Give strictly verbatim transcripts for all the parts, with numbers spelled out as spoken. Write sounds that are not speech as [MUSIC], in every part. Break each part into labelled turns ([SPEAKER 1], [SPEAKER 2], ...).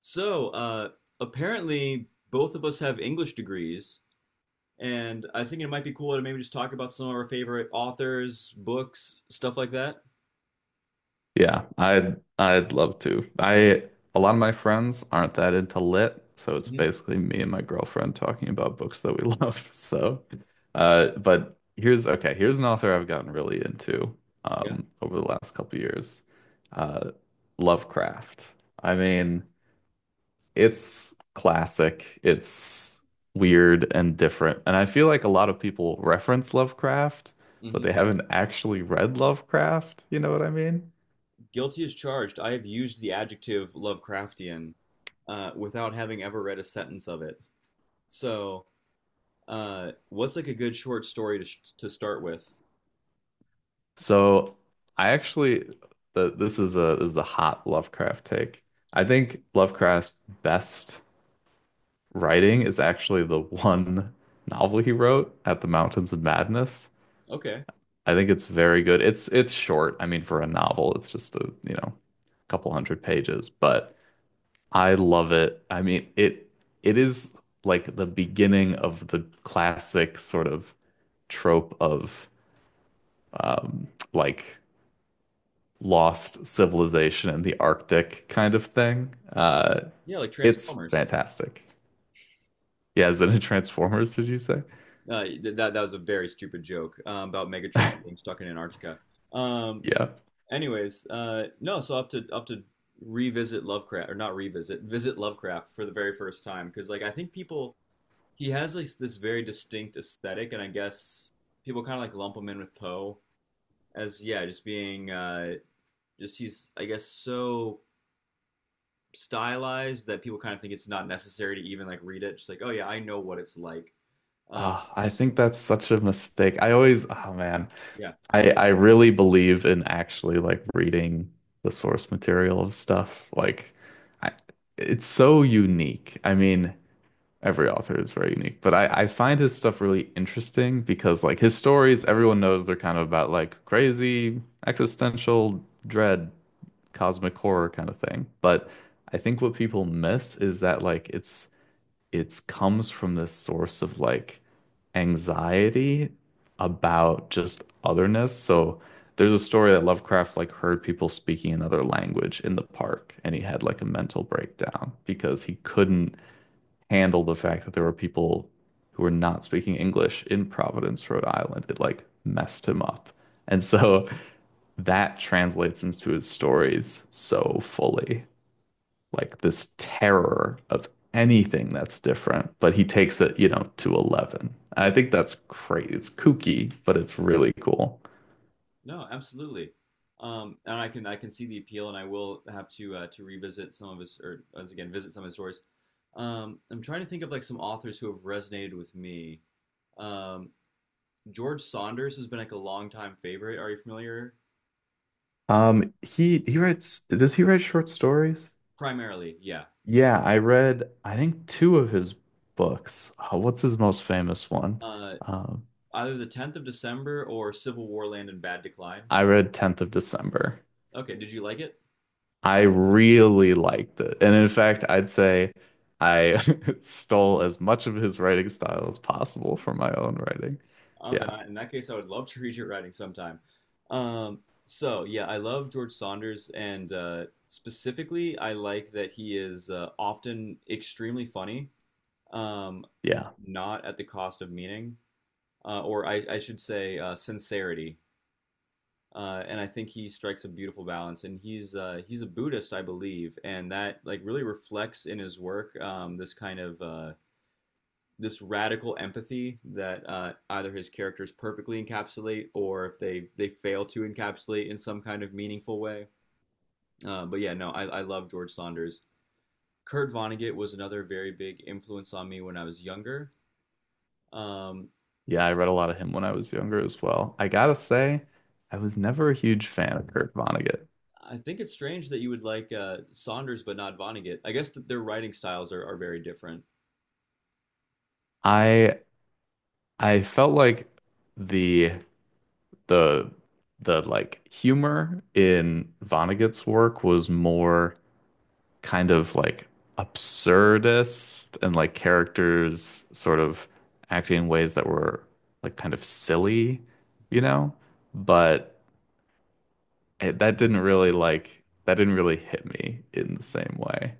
[SPEAKER 1] So, uh, apparently, both of us have English degrees, and I was thinking it might be cool to maybe just talk about some of our favorite authors, books, stuff like that.
[SPEAKER 2] Yeah, I'd I'd love to. I A lot of my friends aren't that into lit, so it's
[SPEAKER 1] Hmm.
[SPEAKER 2] basically me and my girlfriend talking about books that we [LAUGHS] love. So, uh, but here's okay. Here's an author I've gotten really into
[SPEAKER 1] Yeah.
[SPEAKER 2] um, over the last couple years, uh, Lovecraft. I mean, it's classic. It's weird and different, and I feel like a lot of people reference Lovecraft, but
[SPEAKER 1] Hmm.
[SPEAKER 2] they haven't actually read Lovecraft. You know what I mean?
[SPEAKER 1] Guilty as charged. I have used the adjective Lovecraftian uh, without having ever read a sentence of it. So, uh, what's like a good short story to sh- to start with?
[SPEAKER 2] So I actually the, this is a this is a hot Lovecraft take. I think Lovecraft's best writing is actually the one novel he wrote, At the Mountains of Madness.
[SPEAKER 1] Okay.
[SPEAKER 2] I think it's very good. It's it's short. I mean, for a novel, it's just a, you know, couple hundred pages, but I love it. I mean, it it is like the beginning of the classic sort of trope of um like lost civilization in the Arctic kind of thing. Uh,
[SPEAKER 1] Yeah, like
[SPEAKER 2] it's
[SPEAKER 1] Transformers.
[SPEAKER 2] fantastic. Yeah, is it in Transformers, did you say?
[SPEAKER 1] Uh, th- that that was a very stupid joke um, about Megatron being stuck in Antarctica. Um,
[SPEAKER 2] Yeah.
[SPEAKER 1] Anyways, uh, no, so I'll have to I'll have to revisit Lovecraft or not revisit, visit Lovecraft for the very first time because like I think people he has like this very distinct aesthetic, and I guess people kind of like lump him in with Poe as yeah, just being uh, just he's I guess so stylized that people kind of think it's not necessary to even like read it. Just like oh yeah, I know what it's like. Uh,
[SPEAKER 2] Ah, I think that's such a mistake. I always, oh man,
[SPEAKER 1] yeah,
[SPEAKER 2] I I really believe in actually like reading the source material of stuff. Like, I, it's so unique. I mean, every author is very unique, but I I find his stuff really interesting because like his stories, everyone knows they're kind of about like crazy existential dread, cosmic horror kind of thing. But I think what people miss is that like it's it's comes from this source of like anxiety about just otherness. So there's a story that Lovecraft like heard people speaking another language in the park and he had like a mental breakdown because he couldn't handle the fact that there were people who were not speaking English in Providence, Rhode Island. It like messed him up. And so that translates into his stories so fully. Like this terror of anything that's different, but he takes it, you know, to eleven. I think that's great. It's kooky, but it's really cool.
[SPEAKER 1] no, absolutely. Um, and I can I can see the appeal, and I will have to uh, to revisit some of his or once again visit some of his stories. Um, I'm trying to think of like some authors who have resonated with me. Um, George Saunders has been like a longtime favorite. Are you familiar?
[SPEAKER 2] Um, he he writes, does he write short stories?
[SPEAKER 1] Primarily, yeah.
[SPEAKER 2] Yeah, I read, I think, two of his books. Oh, what's his most famous one?
[SPEAKER 1] Uh,
[SPEAKER 2] Um,
[SPEAKER 1] Either the tenth of December or Civil War Land and Bad Decline.
[SPEAKER 2] I read tenth of December.
[SPEAKER 1] Okay, did you like it?
[SPEAKER 2] I really liked it. And in fact, I'd say I [LAUGHS] stole as much of his writing style as possible for my own writing.
[SPEAKER 1] Oh, then
[SPEAKER 2] Yeah.
[SPEAKER 1] I, in that case, I would love to [LAUGHS] read your writing sometime. Um, so yeah, I love George Saunders, and uh, specifically, I like that he is uh, often extremely funny, um,
[SPEAKER 2] Yeah.
[SPEAKER 1] not at the cost of meaning, uh, or I, I should say, uh, sincerity. Uh, and I think he strikes a beautiful balance. And he's uh, he's a Buddhist, I believe, and that like really reflects in his work um, this kind of uh, this radical empathy that uh, either his characters perfectly encapsulate or if they they fail to encapsulate in some kind of meaningful way. Uh, but yeah, no, I, I love George Saunders. Kurt Vonnegut was another very big influence on me when I was younger. Um,
[SPEAKER 2] Yeah. I read a lot of him when I was younger as well. I gotta say, I was never a huge fan of Kurt Vonnegut.
[SPEAKER 1] I think it's strange that you would like uh, Saunders but not Vonnegut. I guess that their writing styles are, are very different.
[SPEAKER 2] I I felt like the the the like humor in Vonnegut's work was more kind of like absurdist and like characters sort of acting in ways that were like kind of silly, you know? But it, that didn't really like that didn't really hit me in the same way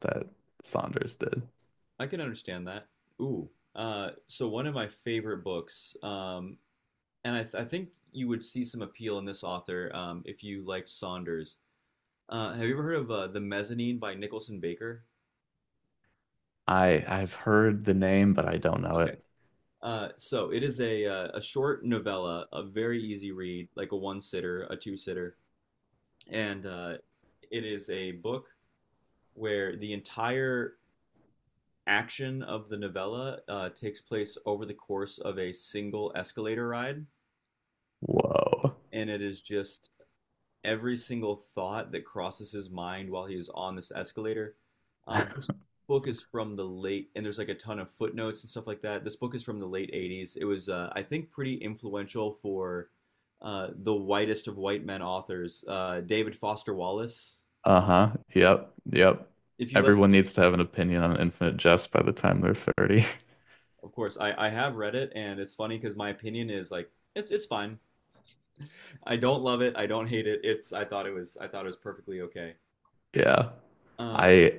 [SPEAKER 2] that Saunders did.
[SPEAKER 1] I can understand that. Ooh. Uh, so one of my favorite books um, and I, th- I think you would see some appeal in this author um, if you liked Saunders. Uh, have you ever heard of uh, The Mezzanine by Nicholson Baker?
[SPEAKER 2] I I've heard the name, but I don't know
[SPEAKER 1] Okay.
[SPEAKER 2] it.
[SPEAKER 1] Uh, so it is a uh, a short novella, a very easy read, like a one sitter, a two sitter, and uh, it is a book where the entire action of the novella uh, takes place over the course of a single escalator ride,
[SPEAKER 2] Whoa.
[SPEAKER 1] and it is just every single thought that crosses his mind while he's on this escalator. Uh,
[SPEAKER 2] [LAUGHS]
[SPEAKER 1] this book is from the late, and there's like a ton of footnotes and stuff like that. This book is from the late eighties. It was, uh, I think, pretty influential for uh, the whitest of white men authors, uh, David Foster Wallace.
[SPEAKER 2] Uh-huh. Yep. Yep.
[SPEAKER 1] If you like,
[SPEAKER 2] Everyone needs to have an opinion on Infinite Jest by the time they're thirty.
[SPEAKER 1] of course, I, I have read it, and it's funny because my opinion is like it's it's fine. I don't love it. I don't hate it. It's I thought it was I thought it was perfectly okay.
[SPEAKER 2] [LAUGHS] Yeah.
[SPEAKER 1] Um,
[SPEAKER 2] I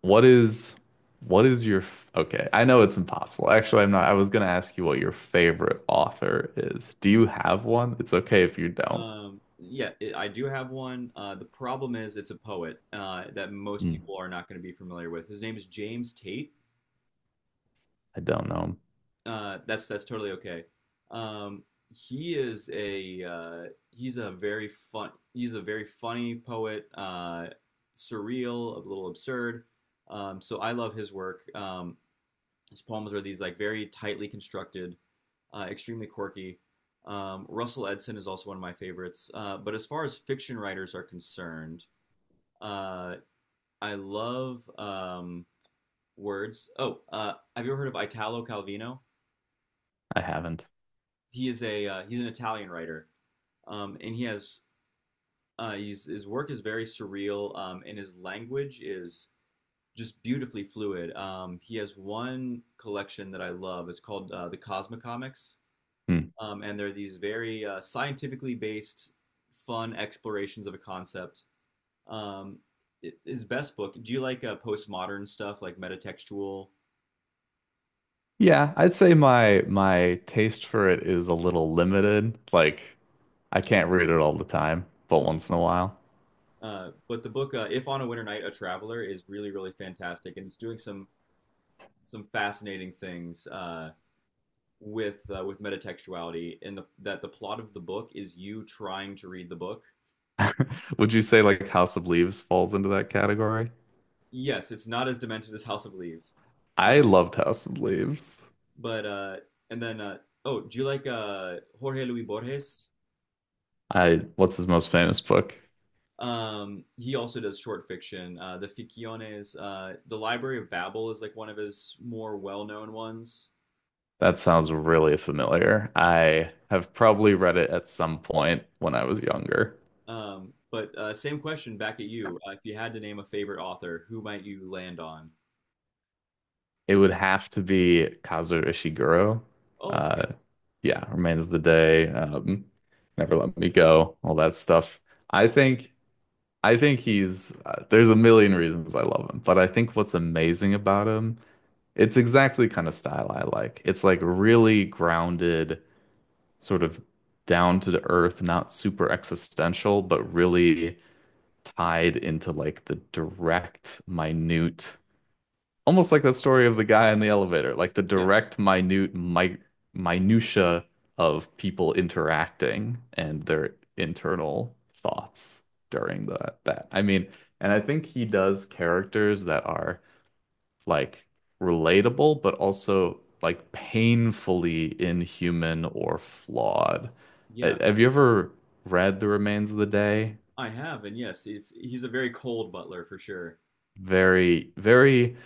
[SPEAKER 2] what is what is your f- okay, I know it's impossible. Actually, I'm not. I was gonna ask you what your favorite author is. Do you have one? It's okay if you don't.
[SPEAKER 1] Um, yeah, it, I do have one. Uh, the problem is it's a poet uh, that most
[SPEAKER 2] Mm.
[SPEAKER 1] people are not going to be familiar with. His name is James Tate.
[SPEAKER 2] I don't know.
[SPEAKER 1] Uh, that's that's totally okay. Um, he is a uh, he's a very fun he's a very funny poet, uh, surreal, a little absurd. Um, so I love his work. Um, his poems are these like very tightly constructed, uh, extremely quirky. Um, Russell Edson is also one of my favorites. Uh, but as far as fiction writers are concerned, Uh, I love um, words. Oh, uh, have you ever heard of Italo Calvino?
[SPEAKER 2] I haven't.
[SPEAKER 1] He is a uh, he's an Italian writer, um, and he has uh, he's, his work is very surreal, um, and his language is just beautifully fluid. Um, he has one collection that I love. It's called uh, the Cosmocomics,
[SPEAKER 2] Hmm.
[SPEAKER 1] um, and they're these very uh, scientifically based, fun explorations of a concept. Um, his best book. Do you like uh, postmodern stuff, like metatextual?
[SPEAKER 2] Yeah, I'd say my my taste for it is a little limited. Like I can't read it all the time, but once in a while.
[SPEAKER 1] Uh, but the book, uh, If on a Winter Night, a Traveler, is really, really fantastic, and it's doing some some fascinating things uh, with uh, with metatextuality. In the That the plot of the book is you trying to read the book.
[SPEAKER 2] Would you say like House of Leaves falls into that category?
[SPEAKER 1] Yes, it's not as demented as House of Leaves, uh,
[SPEAKER 2] I loved House of Leaves.
[SPEAKER 1] but uh, and then uh, oh, do you like uh, Jorge Luis Borges?
[SPEAKER 2] I, what's his most famous book?
[SPEAKER 1] Um, he also does short fiction. Uh, the Ficciones, uh, the Library of Babel is like one of his more well known ones.
[SPEAKER 2] That sounds really familiar. I have probably read it at some point when I was younger.
[SPEAKER 1] Um, but uh, Same question back at you. Uh, if you had to name a favorite author, who might you land on?
[SPEAKER 2] It would have to be Kazuo Ishiguro.
[SPEAKER 1] Oh,
[SPEAKER 2] Uh,
[SPEAKER 1] yes.
[SPEAKER 2] yeah, Remains of the Day, um, Never Let Me Go, all that stuff. I think I think he's uh, there's a million reasons I love him, but I think what's amazing about him, it's exactly the kind of style I like. It's like really grounded, sort of down to the earth, not super existential, but really tied into like the direct, minute, almost like that story of the guy in the elevator, like the
[SPEAKER 1] Yeah.
[SPEAKER 2] direct, minute, mi minutia of people interacting and their internal thoughts during the that. I mean, and I think he does characters that are like relatable, but also like painfully inhuman or flawed. Uh,
[SPEAKER 1] Yeah.
[SPEAKER 2] Have you ever read The Remains of the Day?
[SPEAKER 1] I have. And yes, he's, he's a very cold butler for sure.
[SPEAKER 2] Very, very.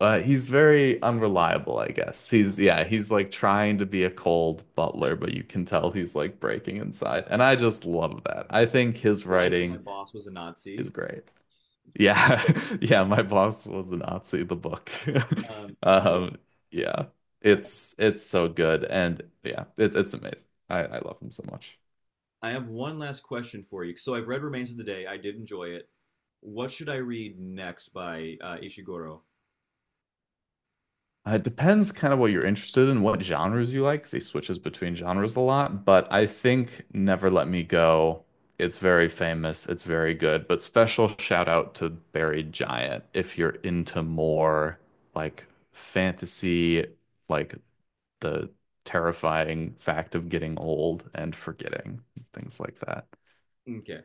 [SPEAKER 2] Uh, he's very unreliable, I guess. He's yeah, he's like trying to be a cold
[SPEAKER 1] I
[SPEAKER 2] butler, but you can tell he's like breaking inside. And I just love that. I think his
[SPEAKER 1] realized that my
[SPEAKER 2] writing
[SPEAKER 1] boss was a
[SPEAKER 2] is
[SPEAKER 1] Nazi.
[SPEAKER 2] great. Yeah. [LAUGHS] Yeah, my boss was a Nazi, the book. [LAUGHS]
[SPEAKER 1] Um, so
[SPEAKER 2] Um, yeah. It's it's so good and yeah, it, it's amazing. I, I love him so much.
[SPEAKER 1] I have one last question for you. So I've read Remains of the Day. I did enjoy it. What should I read next by uh, Ishiguro?
[SPEAKER 2] Uh, It depends kind of what you're interested in, what genres you like, because he switches between genres a lot. But I think Never Let Me Go, it's very famous, it's very good. But special shout out to Buried Giant if you're into more like fantasy, like the terrifying fact of getting old and forgetting, things like that.
[SPEAKER 1] Okay.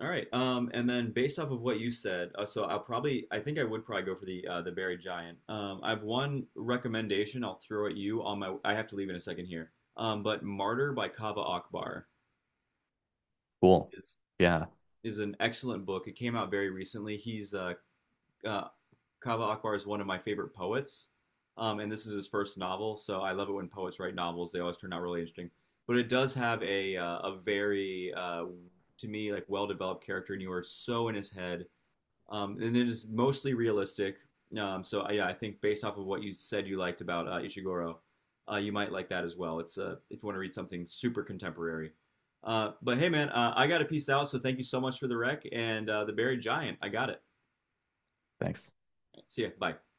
[SPEAKER 1] All right. Um, and then based off of what you said, uh, so I'll probably, I think I would probably go for the uh, the Buried Giant. Um, I have one recommendation I'll throw at you on my. I have to leave in a second here. Um, but Martyr by Kava Akbar
[SPEAKER 2] Cool.
[SPEAKER 1] is
[SPEAKER 2] Yeah,
[SPEAKER 1] is an excellent book. It came out very recently. He's uh, uh, Kava Akbar is one of my favorite poets, um, and this is his first novel. So I love it when poets write novels. They always turn out really interesting. But it does have a uh, a very uh, to me like well developed character, and you are so in his head. Um, and it is mostly realistic. Um, so uh, yeah, I think based off of what you said you liked about uh, Ishiguro, uh, you might like that as well. It's uh, if you want to read something super contemporary. Uh, but hey, man, uh, I got to peace out. So thank you so much for the rec and uh, the Buried Giant. I got it.
[SPEAKER 2] thanks.
[SPEAKER 1] See ya. Bye.